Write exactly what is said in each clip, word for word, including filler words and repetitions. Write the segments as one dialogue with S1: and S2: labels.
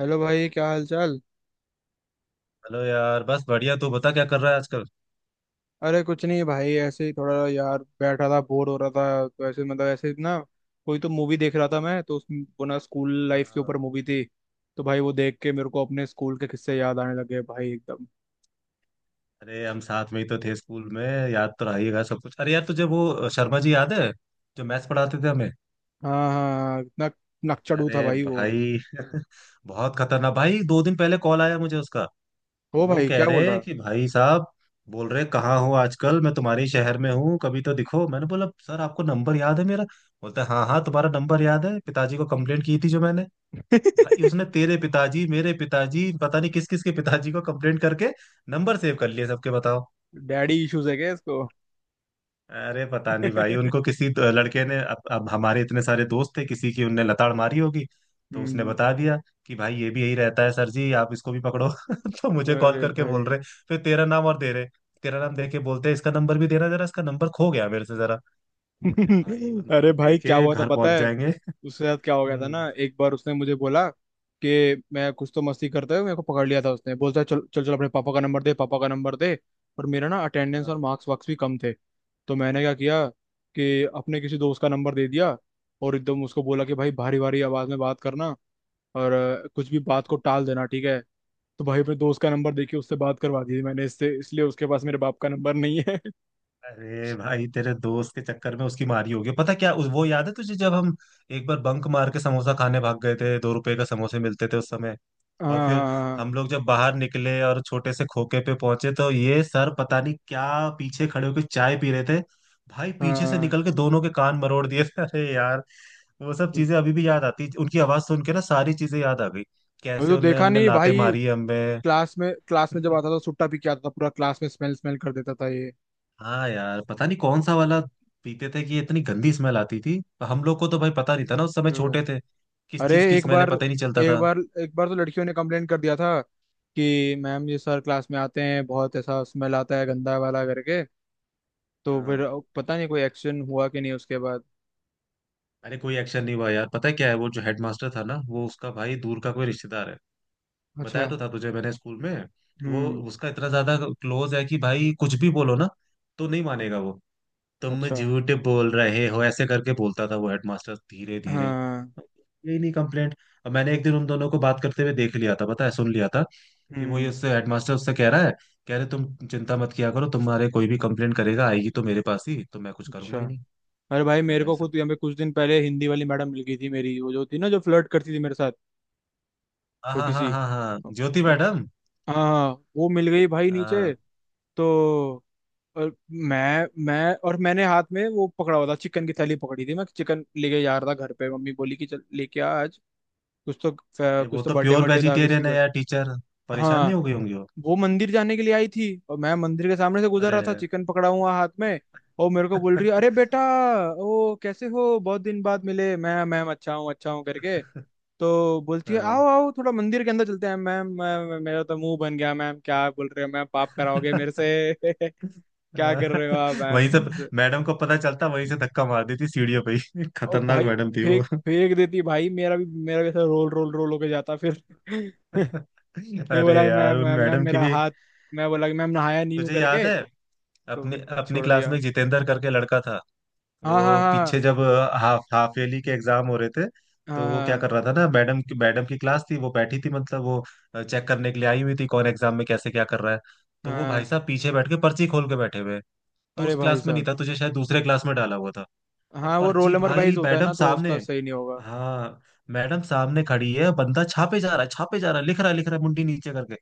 S1: Hello भाई क्या हाल चाल।
S2: हेलो यार, बस बढ़िया। तू बता क्या कर रहा है आजकल।
S1: अरे कुछ नहीं भाई, ऐसे ही थोड़ा यार बैठा था, बोर हो रहा था तो ऐसे मतलब ऐसे ना, कोई तो मूवी देख रहा था मैं, तो उस वो ना स्कूल
S2: हाँ,
S1: लाइफ के
S2: हाँ।
S1: ऊपर मूवी थी। तो भाई वो देख के मेरे को अपने स्कूल के किस्से याद आने लगे भाई एकदम।
S2: अरे, हम साथ में ही तो थे स्कूल में। याद तो रहिएगा सब कुछ। अरे यार, तुझे वो शर्मा जी याद है, जो मैथ्स पढ़ाते थे हमें?
S1: हाँ हाँ, इतना नकचड़ू था
S2: अरे
S1: भाई वो।
S2: भाई बहुत खतरनाक भाई। दो दिन पहले कॉल आया मुझे उसका।
S1: हो
S2: वो
S1: भाई
S2: कह
S1: क्या बोल
S2: रहे हैं
S1: रहा।
S2: कि भाई साहब, बोल रहे कहाँ हो आजकल, मैं तुम्हारे ही शहर में हूँ, कभी तो दिखो। मैंने बोला सर, आपको नंबर याद है मेरा? बोलता है हाँ हाँ, तुम्हारा नंबर याद है, पिताजी को कंप्लेंट की थी जो मैंने। भाई उसने तेरे पिताजी, मेरे पिताजी, पता नहीं किस किस के पिताजी को कंप्लेंट करके नंबर सेव कर लिए सबके, बताओ।
S1: डैडी इश्यूज है क्या इसको।
S2: अरे पता नहीं भाई, उनको किसी तो लड़के ने, अब, अब हमारे इतने सारे दोस्त थे, किसी की उनने लताड़ मारी होगी। तो उसने
S1: हम्म।
S2: बता दिया कि भाई ये भी यही रहता है सर जी, आप इसको भी पकड़ो। तो मुझे कॉल
S1: अरे
S2: करके बोल
S1: भाई।
S2: रहे, फिर तेरा नाम और दे रहे। तेरा नाम देके बोलते हैं, इसका नंबर भी देना जरा, इसका नंबर खो गया मेरे से जरा। अरे भाई, वो
S1: अरे
S2: नंबर
S1: भाई क्या
S2: लेके
S1: हुआ था
S2: घर
S1: पता
S2: पहुंच
S1: है,
S2: जाएंगे।
S1: उसके साथ क्या हो गया था ना।
S2: हम्म।
S1: एक बार उसने मुझे बोला कि मैं कुछ तो मस्ती करते हुए मेरे को पकड़ लिया था उसने। बोलता है चल चल चल अपने पापा का नंबर दे, पापा का नंबर दे। और मेरा ना अटेंडेंस और
S2: हाँ।
S1: मार्क्स वार्क्स भी कम थे। तो मैंने क्या किया कि अपने किसी दोस्त का नंबर दे दिया। और एकदम उसको बोला कि भाई भारी भारी आवाज में बात करना और अ, कुछ भी बात को टाल देना, ठीक है। तो भाई अपने दोस्त का नंबर देके उससे बात करवा दी थी मैंने इससे, इसलिए उसके पास मेरे बाप का नंबर नहीं है।
S2: अरे भाई, तेरे दोस्त के चक्कर में उसकी मारी होगी। पता क्या, उस, वो याद है तुझे जब हम एक बार बंक मार के समोसा खाने भाग गए थे? दो रुपए का समोसे मिलते थे उस समय। और फिर
S1: हाँ
S2: हम लोग जब बाहर निकले और छोटे से खोखे पे पहुंचे, तो ये सर पता नहीं क्या पीछे खड़े होकर चाय पी रहे थे। भाई
S1: हाँ हाँ
S2: पीछे से
S1: हाँ।
S2: निकल के दोनों के कान मरोड़ दिए थे। अरे यार, वो सब चीजें अभी भी याद आती। उनकी आवाज सुन के ना सारी चीजें याद आ गई,
S1: अभी
S2: कैसे
S1: तो
S2: उनने
S1: देखा
S2: हमने
S1: नहीं
S2: लाते
S1: भाई।
S2: मारी है हमें।
S1: क्लास में क्लास में जब आता था सुट्टा पी के आता था, पूरा क्लास में स्मेल स्मेल कर देता था ये।
S2: हाँ यार, पता नहीं कौन सा वाला पीते थे कि ये इतनी गंदी स्मेल आती थी। हम लोग को तो भाई पता नहीं था ना, उस समय
S1: तो-
S2: छोटे थे, किस
S1: अरे
S2: चीज की
S1: एक
S2: स्मेल है
S1: बार,
S2: पता ही नहीं चलता
S1: एक
S2: था।
S1: बार एक बार तो लड़कियों ने कंप्लेंट कर दिया था कि मैम ये सर क्लास में आते हैं बहुत ऐसा स्मेल आता है गंदा वाला करके। तो फिर
S2: हाँ।
S1: पता नहीं कोई एक्शन हुआ कि नहीं उसके बाद।
S2: अरे कोई एक्शन नहीं हुआ यार। पता है क्या है, वो जो हेडमास्टर था ना, वो उसका भाई, दूर का कोई रिश्तेदार है। बताया
S1: अच्छा।
S2: तो था तुझे मैंने स्कूल में। वो
S1: हम्म।
S2: उसका इतना ज्यादा क्लोज है कि भाई कुछ भी बोलो ना, तो नहीं मानेगा वो। तुम
S1: अच्छा।
S2: झूठ बोल रहे हो, ऐसे करके बोलता था वो हेडमास्टर। धीरे धीरे
S1: हाँ।
S2: यही नहीं कंप्लेंट, अब मैंने एक दिन उन दोनों को बात करते हुए देख लिया था, पता है, सुन लिया था कि वो, ये
S1: हम्म।
S2: उससे, हेडमास्टर उससे कह रहा है, कह रहे तुम चिंता मत किया करो, तुम्हारे कोई भी कंप्लेंट करेगा आएगी तो मेरे पास ही, तो मैं कुछ करूंगा
S1: अच्छा।
S2: ही नहीं।
S1: अरे भाई
S2: मैं,
S1: मेरे
S2: भाई
S1: को
S2: साहब,
S1: खुद यहाँ पे कुछ दिन पहले हिंदी वाली मैडम मिल गई थी मेरी, वो जो थी ना जो फ्लर्ट करती थी मेरे साथ।
S2: हाँ हाँ
S1: छोटी
S2: हाँ
S1: सी।
S2: हाँ हाँ, ज्योति मैडम।
S1: हाँ। वो मिल गई भाई नीचे।
S2: हाँ।
S1: तो और मैं मैं और मैंने हाथ में वो पकड़ा हुआ था, चिकन की थैली पकड़ी थी, मैं चिकन लेके जा रहा था घर पे, मम्मी बोली कि चल लेके आ आज। कुछ तो
S2: अरे,
S1: कुछ
S2: वो
S1: तो
S2: तो
S1: बर्थडे
S2: प्योर
S1: बर्थडे था किसी
S2: वेजिटेरियन है
S1: का।
S2: यार टीचर। परेशान
S1: हाँ।
S2: नहीं हो गई होंगी वो?
S1: वो मंदिर जाने के लिए आई थी और मैं मंदिर के सामने से गुजर
S2: अरे।
S1: रहा था चिकन पकड़ा हुआ हाथ में। और मेरे को बोल रही है, अरे बेटा ओ कैसे हो, बहुत दिन बाद मिले। मैं, मैम अच्छा हूँ अच्छा हूँ करके। तो बोलती है
S2: हाँ।
S1: आओ आओ थोड़ा मंदिर के अंदर चलते हैं। मैम मैम, मेरा तो मुंह बन गया, मैम क्या बोल रहे हो मैम, पाप कराओगे मेरे से।
S2: अ,
S1: क्या कर रहे हो आप मैम
S2: वहीं से
S1: प्लीज।
S2: मैडम को पता चलता, वहीं से धक्का मार देती सीढ़ियों पे ही।
S1: और
S2: खतरनाक
S1: भाई
S2: मैडम थी वो।
S1: फेंक फेंक देती भाई, मेरा भी मेरा भी ऐसा रोल रोल रोल होके जाता फिर। फिर
S2: अरे
S1: बोला कि
S2: यार,
S1: मैम
S2: उन
S1: मैम मैम,
S2: मैडम की
S1: मेरा
S2: भी।
S1: हाथ, मैं बोला कि मैम नहाया नहीं हूँ
S2: तुझे याद
S1: करके।
S2: है,
S1: तो
S2: अपनी
S1: फिर
S2: अपनी
S1: छोड़
S2: क्लास में
S1: दिया।
S2: एक जितेंद्र करके लड़का था,
S1: हाँ हाँ
S2: वो
S1: हाँ
S2: पीछे जब हाफ हाफ ईयरली के एग्जाम हो रहे थे, तो वो क्या
S1: हाँ
S2: कर रहा था ना, मैडम की मैडम की क्लास थी, वो बैठी थी, मतलब वो चेक करने के लिए आई हुई थी, कौन एग्जाम में कैसे क्या कर रहा है।
S1: हाँ
S2: तो
S1: हाँ
S2: वो भाई
S1: हाँ।
S2: साहब पीछे बैठ के पर्ची खोल के बैठे हुए हैं। तो
S1: अरे
S2: उस
S1: भाई
S2: क्लास में नहीं
S1: साहब,
S2: था तुझे, शायद दूसरे क्लास में डाला हुआ था। और
S1: हाँ वो रोल
S2: पर्ची,
S1: नंबर
S2: भाई
S1: वाइज होता है
S2: मैडम
S1: ना, तो
S2: सामने।
S1: उसका सही नहीं होगा।
S2: हाँ, मैडम सामने खड़ी है, बंदा छापे जा रहा है, छापे जा रहा है, लिख रहा है, लिख रहा है, मुंडी नीचे करके।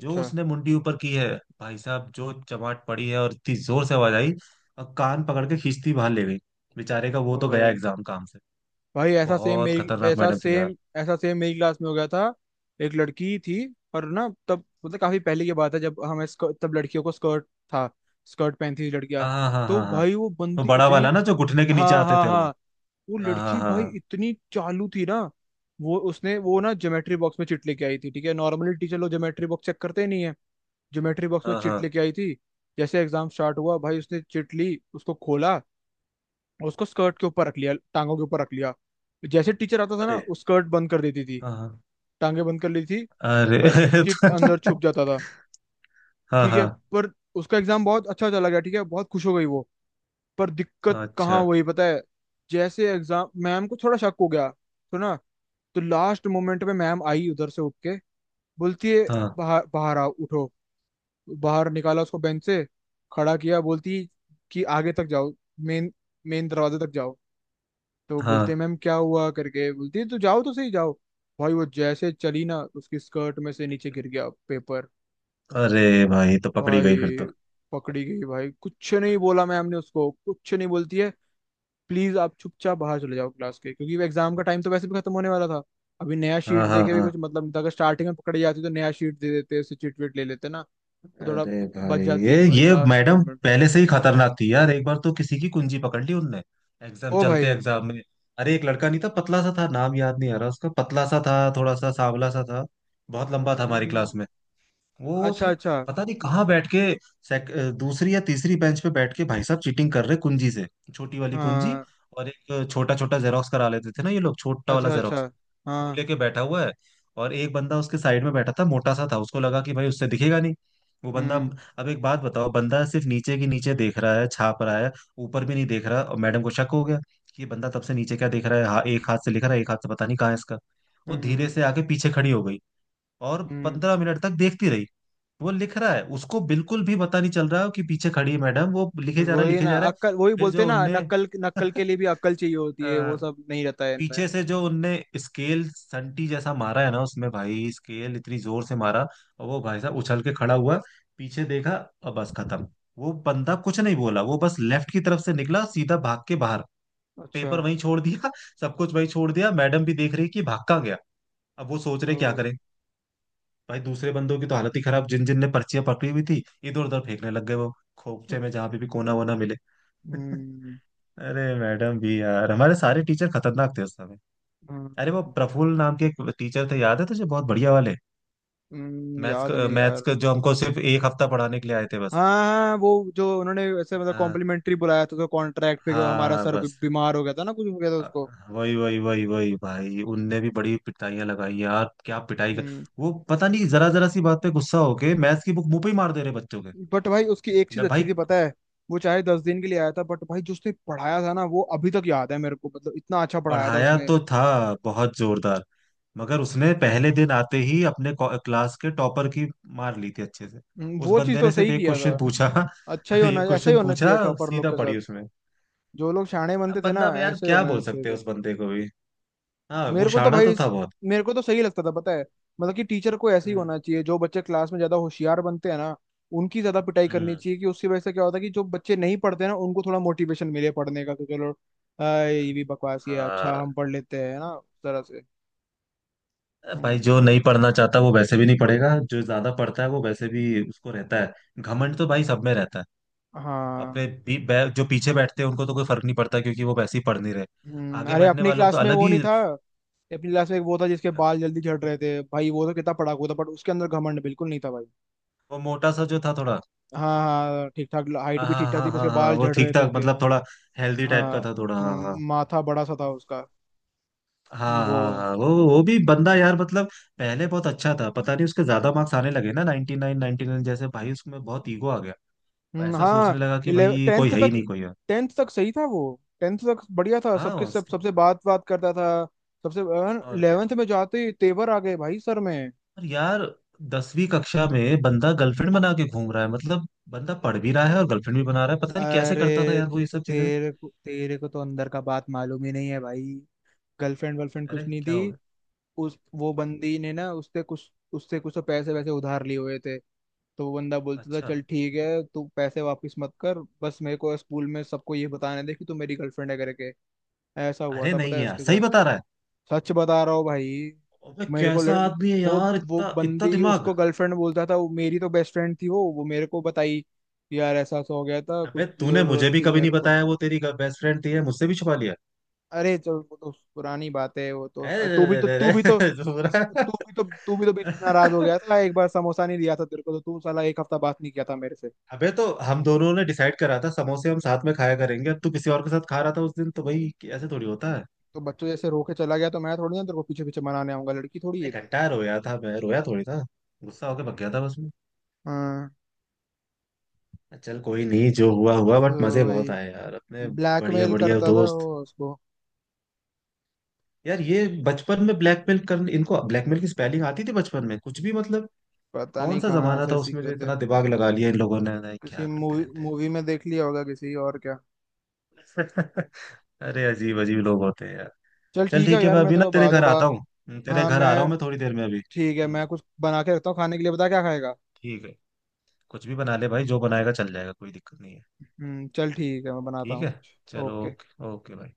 S2: जो उसने मुंडी ऊपर की है, भाई साहब जो चमाट पड़ी है, और इतनी जोर से आवाज आई, और कान पकड़ के खींचती बाहर ले गई। बेचारे का वो
S1: ओ
S2: तो गया
S1: भाई,
S2: एग्जाम काम से।
S1: भाई ऐसा सेम
S2: बहुत
S1: मेरी,
S2: खतरनाक
S1: ऐसा
S2: मैडम थी यार।
S1: सेम ऐसा सेम मेरी क्लास में हो गया था। एक लड़की थी, और ना तब मतलब काफी पहले की बात है, जब हमें स्क- तब लड़कियों को स्कर्ट था, स्कर्ट पहनती थी लड़कियां।
S2: हाँ हाँ हाँ
S1: तो
S2: हाँ हाँ।
S1: भाई वो
S2: वो
S1: बंदी
S2: बड़ा
S1: इतनी।
S2: वाला ना, जो घुटने के नीचे
S1: हाँ
S2: आते
S1: हाँ
S2: थे,
S1: हाँ।
S2: वो।
S1: वो
S2: हाँ
S1: लड़की भाई
S2: हाँ
S1: इतनी चालू थी ना, वो उसने वो ना ज्योमेट्री बॉक्स में चिट लेके आई थी, ठीक है। नॉर्मली टीचर लोग ज्योमेट्री बॉक्स चेक करते ही नहीं है। ज्योमेट्री बॉक्स
S2: हाँ
S1: में
S2: हाँ हाँ
S1: चिट
S2: हाँ।
S1: लेके आई थी। जैसे एग्जाम स्टार्ट हुआ भाई, उसने चिट ली, उसको खोला, उसको स्कर्ट के ऊपर रख लिया, टांगों के ऊपर रख लिया। जैसे टीचर आता था ना,
S2: अरे,
S1: वो स्कर्ट बंद कर देती थी,
S2: हाँ हाँ।
S1: टांगे बंद कर लेती थी,
S2: अरे।
S1: और चिट अंदर छुप जाता था,
S2: हाँ
S1: ठीक है।
S2: हाँ।
S1: पर उसका एग्जाम बहुत अच्छा चला गया, ठीक है, बहुत खुश हो गई वो। पर दिक्कत
S2: अच्छा।
S1: कहाँ हुई पता है, जैसे एग्जाम, मैम को थोड़ा शक हो गया, तो ना, तो लास्ट मोमेंट में मैम आई उधर से उठ के, बोलती है
S2: हाँ
S1: बाहर बाहर आओ उठो। बाहर निकाला उसको बेंच से, खड़ा किया, बोलती कि आगे तक जाओ, मेन मेन दरवाजे तक जाओ। तो
S2: हाँ।
S1: बोलते मैम क्या हुआ करके, बोलती है तो जाओ तो सही जाओ। भाई वो जैसे चली ना, उसकी स्कर्ट में से नीचे गिर गया पेपर।
S2: अरे भाई, तो पकड़ी
S1: भाई
S2: गई फिर तो।
S1: पकड़ी गई भाई, कुछ नहीं बोला मैम ने उसको, कुछ नहीं बोलती है, प्लीज आप चुपचाप बाहर चले जाओ क्लास के, क्योंकि एग्जाम का टाइम तो वैसे भी खत्म होने वाला था, अभी नया
S2: हाँ
S1: शीट दे
S2: हाँ
S1: के भी
S2: हाँ।
S1: कुछ मतलब नहीं था। अगर स्टार्टिंग में पकड़ी जाती तो नया शीट दे देते, उससे चिट विट ले लेते ना। तो थोड़ा
S2: अरे भाई,
S1: बच
S2: ये
S1: जाती भाई
S2: ये
S1: लास्ट
S2: मैडम
S1: मोमेंट।
S2: पहले से ही खतरनाक थी यार। एक बार तो किसी की कुंजी पकड़ ली उनने, एग्जाम
S1: ओ
S2: चलते,
S1: भाई।
S2: एग्जाम में। अरे एक लड़का नहीं था, पतला सा था, नाम याद नहीं आ रहा उसका, पतला सा था, थोड़ा सा सांवला सा था, बहुत लंबा था हमारी क्लास
S1: हम्म,
S2: में। वो
S1: अच्छा
S2: स-
S1: अच्छा।
S2: पता नहीं कहाँ बैठ के, सेक, अ, दूसरी या तीसरी बेंच पे बैठ के भाई साहब चीटिंग कर रहे कुंजी से, छोटी वाली कुंजी।
S1: हाँ।
S2: और एक छोटा छोटा जेरोक्स करा लेते थे ना ये लोग, छोटा वाला
S1: अच्छा अच्छा।
S2: जेरोक्स, वो
S1: हाँ।
S2: लेके बैठा हुआ है। और एक बंदा उसके साइड में बैठा था मोटा सा था, उसको लगा कि भाई उससे दिखेगा नहीं वो बंदा।
S1: हम्म
S2: अब एक बात बताओ, बंदा सिर्फ नीचे की नीचे देख रहा है, छाप रहा है, ऊपर भी नहीं देख रहा, और मैडम को शक हो गया कि ये बंदा तब से नीचे क्या देख रहा है, हाँ, एक हाथ से लिख रहा है, एक हाथ से पता नहीं कहाँ है इसका। वो
S1: हम्म
S2: धीरे
S1: हम्म।
S2: से आके पीछे खड़ी हो गई, और
S1: हम्म।
S2: पंद्रह मिनट तक देखती रही। वो लिख रहा है, उसको बिल्कुल भी पता नहीं चल रहा है कि पीछे खड़ी है मैडम, वो लिखे जा रहा है,
S1: वही
S2: लिखे
S1: ना
S2: जा रहा है।
S1: अक्कल, वही
S2: फिर
S1: बोलते
S2: जो
S1: हैं ना,
S2: उनने,
S1: नकल, नकल के लिए भी अक्ल चाहिए होती है,
S2: अ,
S1: वो सब नहीं रहता है इनमें।
S2: पीछे से जो उनने स्केल संटी जैसा मारा है ना, उसमें भाई, स्केल इतनी जोर से मारा, और वो भाई साहब उछल के खड़ा हुआ, पीछे देखा, और बस खत्म। वो बंदा कुछ नहीं बोला, वो बस लेफ्ट की तरफ से निकला, सीधा भाग के बाहर।
S1: अच्छा।
S2: पेपर वहीं छोड़ दिया, सब कुछ वहीं छोड़ दिया। मैडम भी देख रही कि भागा गया। अब वो सोच
S1: ओ।
S2: रहे क्या करें। भाई दूसरे बंदों की तो हालत ही खराब, जिन जिन ने पर्चियां पकड़ी हुई थी, इधर उधर फेंकने लग गए वो,
S1: अ-
S2: खोपचे में जहां पे भी कोना वोना मिले।
S1: हम्म।
S2: अरे मैडम भी यार, हमारे सारे टीचर खतरनाक थे उस समय।
S1: हम्म,
S2: अरे वो प्रफुल्ल नाम के एक टीचर थे, याद है तुझे, बहुत बढ़िया वाले,
S1: हम्म,
S2: मैथ्स
S1: याद
S2: का,
S1: नहीं यार।
S2: मैथ्स का, जो हमको सिर्फ एक हफ्ता पढ़ाने के लिए आए थे
S1: हाँ
S2: बस।
S1: हाँ, वो जो उन्होंने ऐसे मतलब
S2: हाँ,
S1: कॉम्प्लीमेंट्री बुलाया था तो कॉन्ट्रैक्ट पे, हमारा
S2: हाँ,
S1: सर बी-
S2: बस।
S1: बीमार हो गया था ना, कुछ हो गया था
S2: अ,
S1: उसको।
S2: वही वही वही वही भाई, उनने भी बड़ी पिटाइयां लगाई यार, क्या पिटाई का।
S1: हम्म।
S2: वो पता नहीं, जरा जरा सी बात पे गुस्सा होके मैथ्स की बुक मुंह पे ही मार दे रहे बच्चों के।
S1: बट भाई उसकी एक चीज
S2: मैं भाई,
S1: अच्छी थी पता है, वो चाहे दस दिन के लिए आया था बट भाई जो उसने पढ़ाया था ना, वो अभी तक याद है मेरे को, मतलब इतना अच्छा पढ़ाया था
S2: पढ़ाया
S1: उसने।
S2: तो था बहुत जोरदार, मगर उसने पहले दिन आते ही अपने को- क्लास के टॉपर की मार ली थी अच्छे से।
S1: हम्म,
S2: उस
S1: वो चीज
S2: बंदे
S1: तो
S2: ने सिर्फ
S1: सही
S2: एक
S1: किया था।
S2: क्वेश्चन पूछा।
S1: अच्छा ही होना,
S2: एक
S1: ऐसा ही
S2: क्वेश्चन
S1: होना
S2: पूछा,
S1: चाहिए टॉपर लोग
S2: सीधा
S1: के साथ।
S2: पड़ी उसमें।
S1: जो लोग शाणे
S2: अब
S1: बनते थे ना,
S2: बंदा, अब यार
S1: ऐसे ही
S2: क्या
S1: होना
S2: बोल
S1: चाहिए
S2: सकते हैं
S1: था।
S2: उस बंदे को भी। हाँ, वो
S1: मेरे को तो
S2: शाना
S1: भाई
S2: तो था
S1: इस-
S2: बहुत।
S1: मेरे को तो सही लगता था पता है, मतलब कि टीचर को ऐसे ही
S2: हम्म
S1: होना चाहिए, जो बच्चे क्लास में ज्यादा होशियार बनते हैं ना, उनकी ज्यादा पिटाई करनी
S2: हम्म।
S1: चाहिए, कि उसकी वजह से क्या होता है कि जो बच्चे नहीं पढ़ते हैं ना, उनको थोड़ा मोटिवेशन मिले पढ़ने का कि चलो। अ, ये भी बकवास ही है, अच्छा
S2: हाँ।
S1: हम पढ़ लेते हैं ना उस तरह से।
S2: अ, भाई
S1: हम्म।
S2: जो नहीं पढ़ना चाहता वो वैसे भी नहीं पढ़ेगा, जो ज्यादा पढ़ता है वो वैसे भी उसको रहता है, घमंड तो भाई सब में रहता है।
S1: हाँ।
S2: अपने भी, बै, जो पीछे बैठते हैं उनको तो कोई फर्क नहीं पड़ता, क्योंकि वो वैसे ही पढ़ नहीं रहे।
S1: हम्म।
S2: आगे
S1: अरे
S2: बैठने
S1: अपनी
S2: वालों का
S1: क्लास में
S2: अलग
S1: वो
S2: ही।
S1: नहीं था। अपनी क्लास में एक वो था जिसके बाल जल्दी झड़ रहे थे भाई, वो तो कितना पढ़ाकू था बट उसके अंदर घमंड बिल्कुल नहीं था भाई।
S2: वो मोटा सा जो था थोड़ा।
S1: हाँ हाँ, ठीक ठाक हाइट
S2: हाँ
S1: भी ठीक
S2: हाँ
S1: ठाक थी,
S2: हाँ
S1: उसके
S2: हाँ हाँ,
S1: बाल
S2: वो
S1: झड़ रहे
S2: ठीक
S1: थे
S2: ठाक
S1: उसके।
S2: मतलब थोड़ा हेल्दी टाइप
S1: हाँ।
S2: का था थोड़ा, हाँ।
S1: हम्म, माथा बड़ा सा था उसका।
S2: हाँ
S1: वो।
S2: हाँ हाँ हाँ वो वो भी बंदा यार, मतलब पहले बहुत अच्छा था। पता नहीं उसके ज्यादा मार्क्स आने लगे ना, नाइंटी नाइन नाइंटी नाइन जैसे, भाई उसमें बहुत ईगो आ गया।
S1: हम्म,
S2: ऐसा
S1: हाँ।
S2: सोचने लगा कि
S1: इलेव
S2: भाई
S1: टेंथ
S2: कोई है ही
S1: तक,
S2: नहीं, कोई है।
S1: टेंथ तक सही था वो, टेंथ तक बढ़िया था,
S2: हाँ।
S1: सबके सब,
S2: उसके
S1: सबसे बात बात करता था सबसे।
S2: और क्या।
S1: इलेवेंथ में जाते ही तेवर आ गए भाई सर में।
S2: और यार, दसवीं कक्षा में बंदा गर्लफ्रेंड बना के घूम रहा है मतलब, बंदा पढ़ भी रहा है और गर्लफ्रेंड भी बना रहा है, पता नहीं कैसे करता था
S1: अरे
S2: यार वो ये सब चीजें।
S1: तेरे को तेरे को तो अंदर का बात मालूम ही नहीं है भाई, गर्लफ्रेंड वर्लफ्रेंड कुछ
S2: अरे
S1: नहीं
S2: क्या
S1: थी।
S2: हो गया?
S1: उस वो बंदी ने ना, उससे कुछ उससे कुछ तो पैसे वैसे उधार लिए हुए थे। तो वो बंदा बोलता था
S2: अच्छा।
S1: चल ठीक है तू पैसे वापस मत कर, बस मेरे को स्कूल में सबको ये बताने दे कि तू मेरी गर्लफ्रेंड है करके। ऐसा हुआ
S2: अरे
S1: था पता
S2: नहीं
S1: है
S2: यार,
S1: उसके
S2: सही
S1: साथ।
S2: बता रहा है?
S1: सच बता रहा हूँ भाई।
S2: अबे
S1: मेरे को
S2: कैसा
S1: लड़...
S2: आदमी है
S1: वो
S2: यार,
S1: वो
S2: इतना इतना
S1: बंदी
S2: दिमाग।
S1: उसको गर्लफ्रेंड बोलता था, वो मेरी तो बेस्ट फ्रेंड थी वो वो मेरे को बताई कि यार ऐसा ऐसा हो गया था, कुछ
S2: अबे, तूने
S1: जरूरत
S2: मुझे भी
S1: थी
S2: कभी नहीं
S1: मेरे को।
S2: बताया वो तेरी बेस्ट फ्रेंड थी, है, मुझसे भी छुपा लिया।
S1: अरे चलो वो तो पुरानी बात है, वो
S2: अरे
S1: तो तू भी
S2: रे
S1: तो,
S2: रे
S1: तू
S2: रे
S1: भी तो
S2: रे, पूरा।
S1: तू भी तो तू भी तो बीच में नाराज हो गया था एक बार, समोसा नहीं दिया था तेरे को तो तू साला एक हफ्ता बात नहीं किया था मेरे से।
S2: अबे, तो हम दोनों ने डिसाइड करा था समोसे हम साथ में खाया करेंगे, अब तू किसी और के साथ खा रहा था उस दिन, तो भाई ऐसे थोड़ी होता है।
S1: तो बच्चों जैसे रो के चला गया, तो मैं थोड़ी ना तेरे को पीछे पीछे मनाने आऊंगा, लड़की थोड़ी है।
S2: एक घंटा रोया था मैं, रोया थोड़ी था, गुस्सा होके भग गया था बस मैं।
S1: हाँ।
S2: चल कोई नहीं, जो हुआ हुआ, बट मजे
S1: तो
S2: बहुत
S1: वही
S2: आए यार अपने। बढ़िया
S1: ब्लैकमेल
S2: बढ़िया
S1: करता था
S2: दोस्त।
S1: वो उसको।
S2: यार ये बचपन में ब्लैकमेल कर, इनको ब्लैकमेल की स्पेलिंग आती थी बचपन में, कुछ भी मतलब।
S1: पता
S2: कौन
S1: नहीं
S2: सा
S1: कहाँ
S2: जमाना
S1: से
S2: था
S1: सीख
S2: उसमें जो
S1: गए थे,
S2: इतना दिमाग लगा लिया इन लोगों ने, नहीं,
S1: किसी
S2: क्या करते
S1: मूवी
S2: रहते
S1: मूवी में देख लिया होगा किसी, और क्या।
S2: हैं। अरे अजीब अजीब लोग होते हैं यार।
S1: चल
S2: चल
S1: ठीक है
S2: ठीक है,
S1: यार,
S2: मैं
S1: मैं
S2: अभी
S1: तेरे
S2: ना
S1: को
S2: तेरे
S1: बाद में
S2: घर आता
S1: बात।
S2: हूँ। हम्म, तेरे
S1: हाँ
S2: घर आ रहा
S1: मैं।
S2: हूँ मैं थोड़ी देर में अभी।
S1: ठीक है
S2: हम्म,
S1: मैं कुछ बना के रखता हूँ खाने के लिए, बता क्या खाएगा।
S2: ठीक है। कुछ भी बना ले भाई, जो बनाएगा चल जाएगा, कोई दिक्कत नहीं है।
S1: हम्म चल ठीक है, मैं बनाता
S2: ठीक
S1: हूँ
S2: है।
S1: कुछ।
S2: चलो,
S1: ओके।
S2: ओके ओके भाई।